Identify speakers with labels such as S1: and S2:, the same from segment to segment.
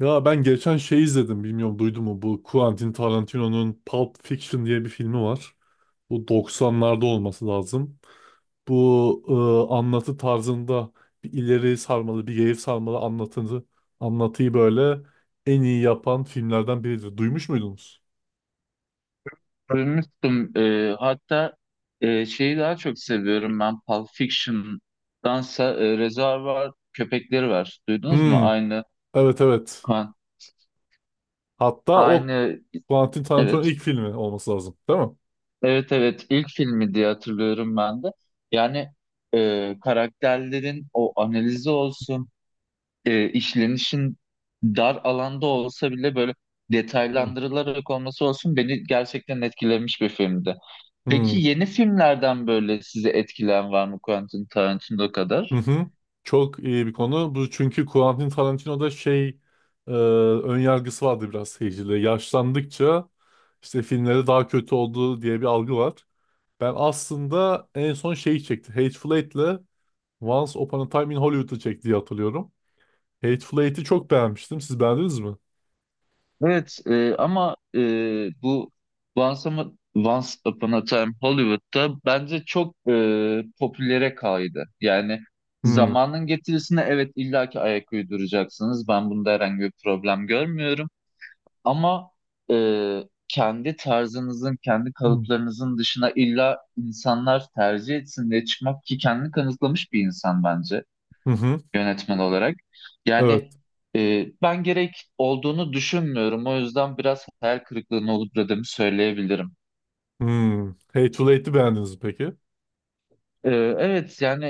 S1: Ya ben geçen şey izledim bilmiyorum duydun mu bu Quentin Tarantino'nun Pulp Fiction diye bir filmi var. Bu 90'larda olması lazım. Bu anlatı tarzında bir ileri sarmalı bir geri sarmalı anlatıyı böyle en iyi yapan filmlerden biridir. Duymuş muydunuz?
S2: Duymuştum. Hatta şeyi daha çok seviyorum ben Pulp Fiction'dansa Reservoir Köpekleri var. Duydunuz mu?
S1: Hmm,
S2: Aynı
S1: evet, evet.
S2: kan.
S1: Hatta o
S2: Aynı,
S1: Quentin Tarantino'nun
S2: evet.
S1: ilk filmi olması lazım değil mi?
S2: Evet, evet, ilk filmi diye hatırlıyorum ben de. Yani karakterlerin o analizi olsun, işlenişin dar alanda olsa bile böyle
S1: Hmm.
S2: detaylandırılarak olması olsun beni gerçekten etkilemiş bir filmdi. Peki
S1: Hmm.
S2: yeni filmlerden böyle sizi etkilen var mı Quentin Tarantino
S1: Hı
S2: kadar?
S1: hı. Çok iyi bir konu. Bu çünkü Quentin Tarantino'da ön yargısı vardı biraz seyircide. Yaşlandıkça işte filmleri daha kötü oldu diye bir algı var. Ben aslında en son şeyi çekti. Hateful Eight'le Once Upon a Time in Hollywood'u çekti diye hatırlıyorum. Hateful Eight'i çok beğenmiştim. Siz beğendiniz mi?
S2: Evet, ama bu Once Upon a Time Hollywood'da bence çok popülere kaydı. Yani
S1: Hmm.
S2: zamanın getirisine evet illaki ayak uyduracaksınız. Ben bunda herhangi bir problem görmüyorum. Ama e, kendi tarzınızın, kendi
S1: Hmm.
S2: kalıplarınızın dışına illa insanlar tercih etsin diye çıkmak ki kendini kanıtlamış bir insan bence.
S1: Hı hı.
S2: Yönetmen olarak. Yani
S1: Evet.
S2: ben gerek olduğunu düşünmüyorum. O yüzden biraz hayal kırıklığına uğradığımı söyleyebilirim.
S1: Hmm. Hateful Eight'i beğendiniz mi peki?
S2: E, evet yani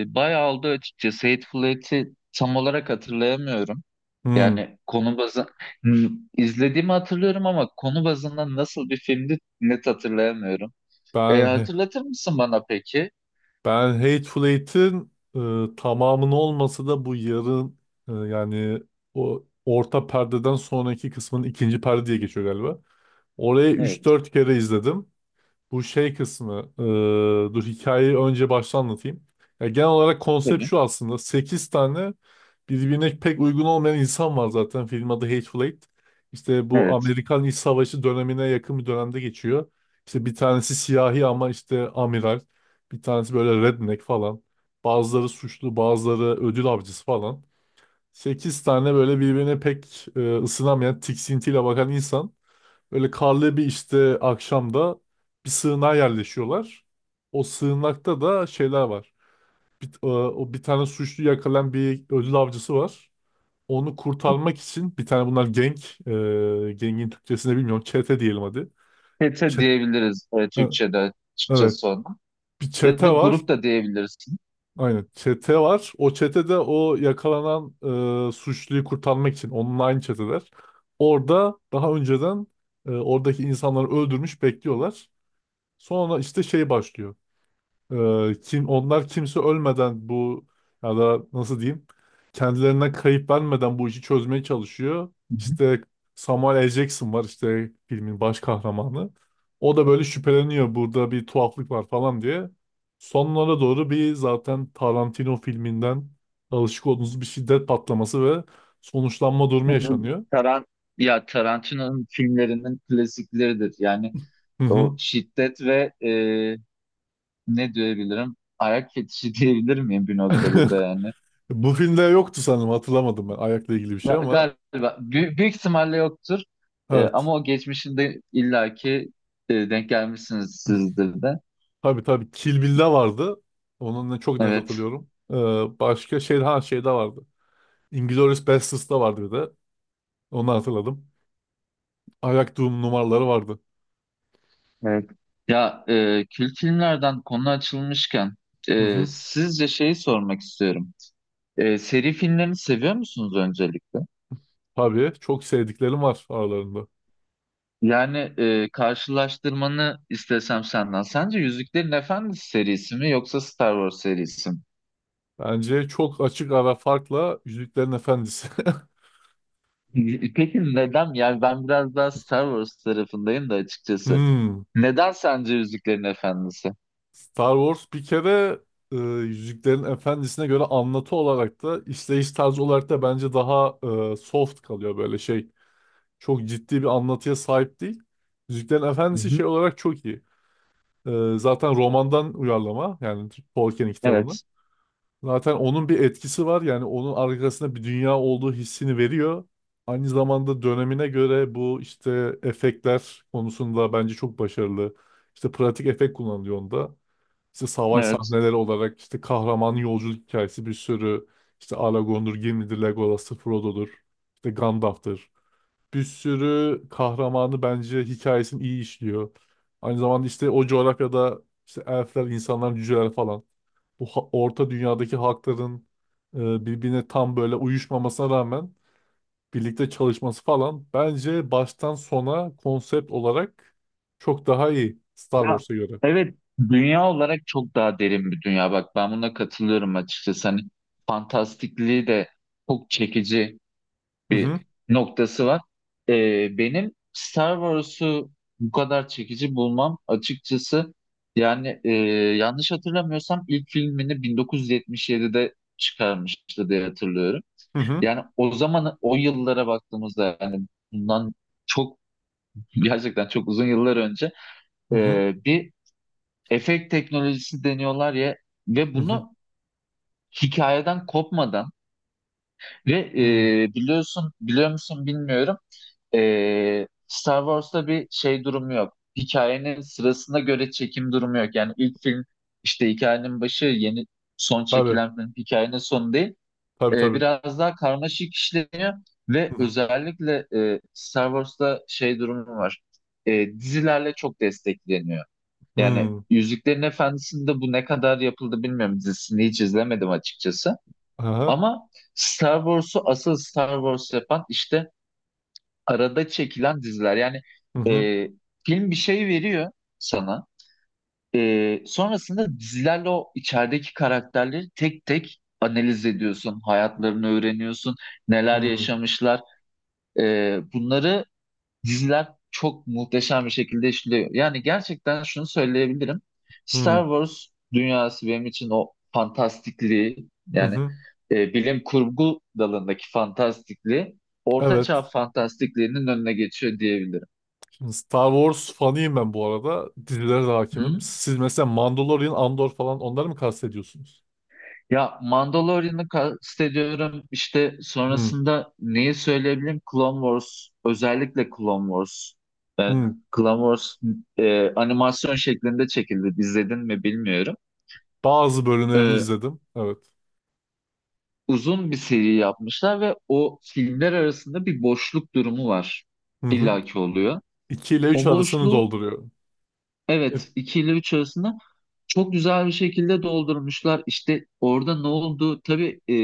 S2: bayağı oldu açıkçası. Hateful Eight'i tam olarak hatırlayamıyorum.
S1: Hmm.
S2: Yani Hmm, izlediğimi hatırlıyorum ama konu bazında nasıl bir filmdi net hatırlayamıyorum. E,
S1: Ben
S2: hatırlatır mısın bana peki?
S1: Ben Hateful Eight'in tamamını olmasa da bu yarın yani o orta perdeden sonraki kısmın ikinci perde diye geçiyor galiba. Oraya üç
S2: Evet.
S1: dört kere izledim. Bu şey kısmı. Dur hikayeyi önce baştan anlatayım. Ya genel olarak konsept
S2: Tabii.
S1: şu aslında. 8 tane birbirine pek uygun olmayan insan var zaten. Film adı Hateful Eight. İşte bu
S2: Evet.
S1: Amerikan İç Savaşı dönemine yakın bir dönemde geçiyor. İşte bir tanesi siyahi ama işte amiral. Bir tanesi böyle redneck falan. Bazıları suçlu, bazıları ödül avcısı falan. 8 tane böyle birbirine pek ısınamayan, tiksintiyle bakan insan. Böyle karlı bir işte akşamda bir sığınağa yerleşiyorlar. O sığınakta da şeyler var. O bir tane suçlu yakalayan bir ödül avcısı var. Onu kurtarmak için bir tane bunlar gengin Türkçesini bilmiyorum. Çete diyelim hadi.
S2: Pete
S1: Çe-
S2: diyebiliriz
S1: e,
S2: Türkçe'de
S1: evet,
S2: açıkçası ona.
S1: bir
S2: Ya
S1: çete
S2: da
S1: var.
S2: grup da diyebilirsin.
S1: Aynen, çete var. O çetede o yakalanan suçluyu kurtarmak için onunla aynı çeteler. Orada daha önceden oradaki insanları öldürmüş bekliyorlar. Sonra işte şey başlıyor. Kim onlar kimse ölmeden bu, ya da nasıl diyeyim, kendilerine kayıp vermeden bu işi çözmeye çalışıyor. İşte Samuel L. Jackson var, işte filmin baş kahramanı. O da böyle şüpheleniyor, burada bir tuhaflık var falan diye. Sonlara doğru bir, zaten Tarantino filminden alışık olduğunuz, bir şiddet patlaması ve sonuçlanma durumu yaşanıyor.
S2: Taran ya Tarantino'nun filmlerinin klasikleridir. Yani
S1: Hı
S2: o
S1: hı.
S2: şiddet ve ne diyebilirim? Ayak fetişi diyebilir miyim bir noktada da yani?
S1: Bu filmde yoktu sanırım, hatırlamadım ben ayakla ilgili bir
S2: Ya,
S1: şey, ama
S2: galiba büyük ihtimalle yoktur. E,
S1: evet.
S2: ama o geçmişinde illaki denk gelmişsiniz sizdir de.
S1: Tabii, tabii. Kill Bill'de vardı. Onun ne çok net
S2: Evet.
S1: hatırlıyorum. Başka şey, ha, şeyde vardı. Inglourious Basterds'da vardı bir de. Onu hatırladım. Ayak Doom numaraları vardı.
S2: Evet. Ya, kült filmlerden konu açılmışken
S1: Hı hı.
S2: sizce şeyi sormak istiyorum. Seri filmlerini seviyor musunuz öncelikle?
S1: Tabii, çok sevdiklerim var aralarında.
S2: Yani karşılaştırmanı istesem senden. Sence Yüzüklerin Efendisi serisi mi yoksa Star Wars serisi mi?
S1: Bence çok açık ara farkla Yüzüklerin Efendisi.
S2: Peki neden? Yani ben biraz daha Star Wars tarafındayım da açıkçası.
S1: Hmm.
S2: Neden sence Yüzüklerin Efendisi?
S1: Star Wars bir kere, e, Yüzüklerin Efendisi'ne göre anlatı olarak da işleyiş tarzı olarak da bence daha soft kalıyor böyle şey. Çok ciddi bir anlatıya sahip değil. Yüzüklerin
S2: Hı
S1: Efendisi şey
S2: hı.
S1: olarak çok iyi. Zaten romandan uyarlama, yani Tolkien'in kitabından.
S2: Evet,
S1: Zaten onun bir etkisi var, yani onun arkasında bir dünya olduğu hissini veriyor. Aynı zamanda dönemine göre bu işte efektler konusunda bence çok başarılı. İşte pratik efekt kullanılıyor onda. İşte savaş
S2: evet.
S1: sahneleri olarak, işte kahramanın yolculuk hikayesi, bir sürü işte Aragorn'dur, Gimli'dir, Legolas'tır, Frodo'dur, işte Gandalf'tır, bir sürü kahramanı bence hikayesini iyi işliyor. Aynı zamanda işte o coğrafyada işte elfler, insanlar, cüceler falan. Bu orta dünyadaki halkların birbirine tam böyle uyuşmamasına rağmen birlikte çalışması falan bence baştan sona konsept olarak çok daha iyi Star
S2: Ya,
S1: Wars'a göre.
S2: evet, dünya olarak çok daha derin bir dünya. Bak ben buna katılıyorum açıkçası. Hani fantastikliği de çok çekici
S1: Hı hı,
S2: bir noktası var. Benim Star Wars'u bu kadar çekici bulmam açıkçası, yani yanlış hatırlamıyorsam ilk filmini 1977'de çıkarmıştı diye hatırlıyorum.
S1: hı hı,
S2: Yani o zaman o yıllara baktığımızda yani bundan çok, gerçekten çok uzun yıllar önce
S1: hı hı,
S2: bir efekt teknolojisi deniyorlar ya, ve
S1: hı hı.
S2: bunu hikayeden kopmadan ve
S1: Hı.
S2: biliyorsun, biliyor musun bilmiyorum. Star Wars'ta bir şey durumu yok. Hikayenin sırasına göre çekim durumu yok. Yani ilk film işte hikayenin başı, yeni son
S1: Tabii,
S2: çekilen film hikayenin sonu değil.
S1: tabii,
S2: Ee,
S1: tabii.
S2: biraz daha karmaşık işleniyor
S1: Hı
S2: ve
S1: hı
S2: özellikle Star Wars'ta şey durumu var. Dizilerle çok destekleniyor. Yani
S1: hı.
S2: Yüzüklerin Efendisi'nde bu ne kadar yapıldı bilmiyorum. Dizisini hiç izlemedim açıkçası.
S1: Aha.
S2: Ama Star Wars'u asıl Star Wars yapan işte arada çekilen diziler. Yani
S1: Hı hı,
S2: e, film bir şey veriyor sana. Sonrasında dizilerle o içerideki karakterleri tek tek analiz ediyorsun. Hayatlarını öğreniyorsun. Neler
S1: hı
S2: yaşamışlar. E, bunları Diziler çok muhteşem bir şekilde işliyor. Yani gerçekten şunu söyleyebilirim.
S1: hı,
S2: Star Wars dünyası benim için o fantastikliği,
S1: hı.
S2: yani
S1: Hı.
S2: bilim kurgu dalındaki fantastikliği ortaçağ
S1: Evet.
S2: fantastikliğinin önüne geçiyor diyebilirim.
S1: Star Wars fanıyım ben bu arada. Dizilere de hakimim.
S2: Hı.
S1: Siz mesela Mandalorian, Andor falan onları mı kastediyorsunuz?
S2: Ya, Mandalorian'ı kastediyorum. İşte
S1: Hı,
S2: sonrasında neyi söyleyebilirim? Clone Wars, özellikle Clone Wars.
S1: hı.
S2: Clone Wars animasyon şeklinde çekildi. İzledin mi bilmiyorum.
S1: Bazı bölümlerini
S2: E,
S1: izledim. Evet.
S2: uzun bir seri yapmışlar ve o filmler arasında bir boşluk durumu var.
S1: Hı hı.
S2: İllaki oluyor.
S1: 2 ile 3
S2: O
S1: arasını
S2: boşluğu,
S1: dolduruyorum. E,
S2: evet, 2 ile 3 arasında çok güzel bir şekilde doldurmuşlar. İşte orada ne oldu? Tabii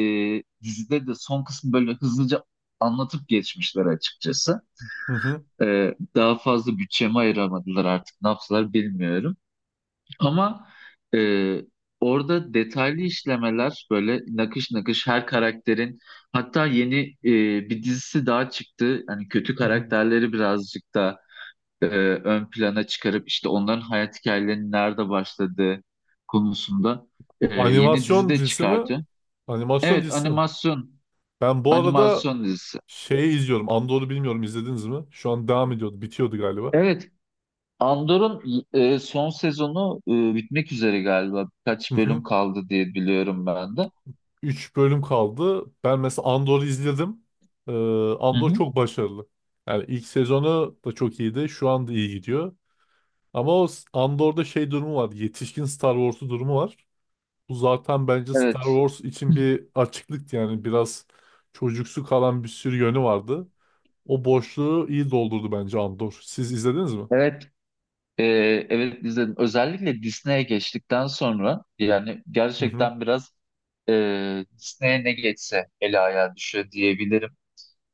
S2: dizide de son kısmı böyle hızlıca anlatıp geçmişler açıkçası.
S1: Hı hı.
S2: Daha fazla bütçemi ayıramadılar, artık ne yaptılar bilmiyorum. Ama e, orada detaylı işlemeler böyle nakış nakış her karakterin, hatta yeni bir dizisi daha çıktı. Hani kötü
S1: Hı hı.
S2: karakterleri birazcık da e, ön plana çıkarıp işte onların hayat hikayelerinin nerede başladığı konusunda
S1: Bu
S2: yeni dizi
S1: animasyon
S2: de
S1: dizisi mi?
S2: çıkardı.
S1: Animasyon
S2: Evet,
S1: dizisi mi?
S2: animasyon
S1: Ben bu arada
S2: animasyon dizisi.
S1: şeyi izliyorum. Andor'u bilmiyorum, izlediniz mi? Şu an devam ediyordu. Bitiyordu galiba.
S2: Evet, Andor'un son sezonu bitmek üzere galiba.
S1: Hı
S2: Birkaç
S1: hı.
S2: bölüm kaldı diye biliyorum ben de.
S1: 3 bölüm kaldı. Ben mesela Andor'u izledim. Ee,
S2: Hı
S1: Andor
S2: hı.
S1: çok başarılı. Yani ilk sezonu da çok iyiydi. Şu anda iyi gidiyor. Ama Andor'da şey durumu var. Yetişkin Star Wars'u durumu var. Bu zaten bence Star
S2: Evet.
S1: Wars için bir açıklıktı. Yani biraz çocuksu kalan bir sürü yönü vardı. O boşluğu iyi doldurdu bence Andor. Siz izlediniz mi?
S2: Evet, e, evet izledim. Özellikle Disney'e geçtikten sonra yani
S1: Hı hı.
S2: gerçekten biraz Disney'e ne geçse ele ayağa düşüyor diyebilirim.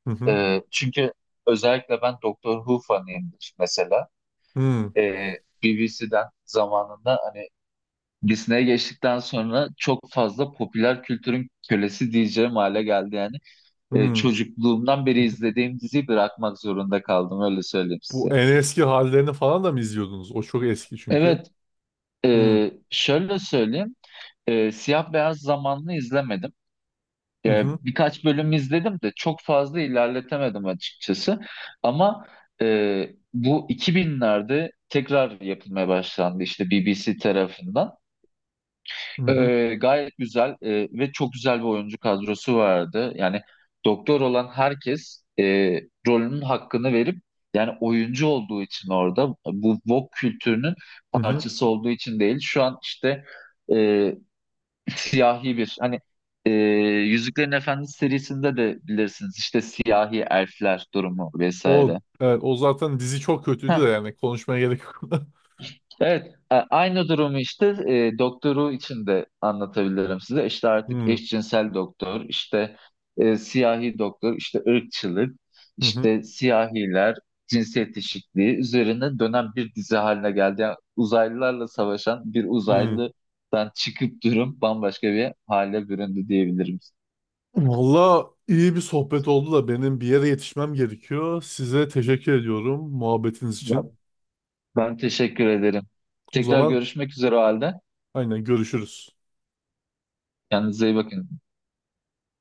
S1: Hı hı.
S2: Çünkü özellikle ben Doctor Who fanıyımdır mesela.
S1: Hı
S2: E, BBC'den zamanında hani Disney'e geçtikten sonra çok fazla popüler kültürün kölesi diyeceğim hale geldi yani. E,
S1: hı.
S2: çocukluğumdan beri izlediğim diziyi bırakmak zorunda kaldım, öyle söyleyeyim
S1: Bu
S2: size.
S1: en eski hallerini falan da mı izliyordunuz? O çok eski çünkü.
S2: Evet,
S1: Hı
S2: şöyle söyleyeyim. Siyah beyaz zamanlı izlemedim. E,
S1: hı.
S2: birkaç bölüm izledim de çok fazla ilerletemedim açıkçası. Ama e, bu 2000'lerde tekrar yapılmaya başlandı işte BBC tarafından.
S1: Hı hı.
S2: E, gayet güzel ve çok güzel bir oyuncu kadrosu vardı. Yani doktor olan herkes rolünün hakkını verip, yani oyuncu olduğu için, orada bu woke kültürünün
S1: Hı hı.
S2: parçası olduğu için değil. Şu an işte e, siyahi bir hani e, Yüzüklerin Efendisi serisinde de bilirsiniz işte siyahi elfler durumu
S1: O
S2: vesaire.
S1: evet, o zaten dizi çok kötüydü de
S2: Heh,
S1: yani konuşmaya gerek yok.
S2: evet, aynı durumu işte doktoru için de anlatabilirim size. İşte artık
S1: Hı
S2: eşcinsel doktor, işte siyahi doktor, işte ırkçılık,
S1: hı hı.
S2: işte siyahiler, cinsiyet eşitliği üzerine dönen bir dizi haline geldi. Yani uzaylılarla savaşan bir
S1: Hı.
S2: uzaylıdan çıkıp durum bambaşka bir hale büründü diyebilirim.
S1: Valla iyi bir sohbet oldu da benim bir yere yetişmem gerekiyor. Size teşekkür ediyorum muhabbetiniz için.
S2: Ben teşekkür ederim.
S1: O
S2: Tekrar
S1: zaman
S2: görüşmek üzere o halde.
S1: aynen görüşürüz.
S2: Kendinize iyi bakın.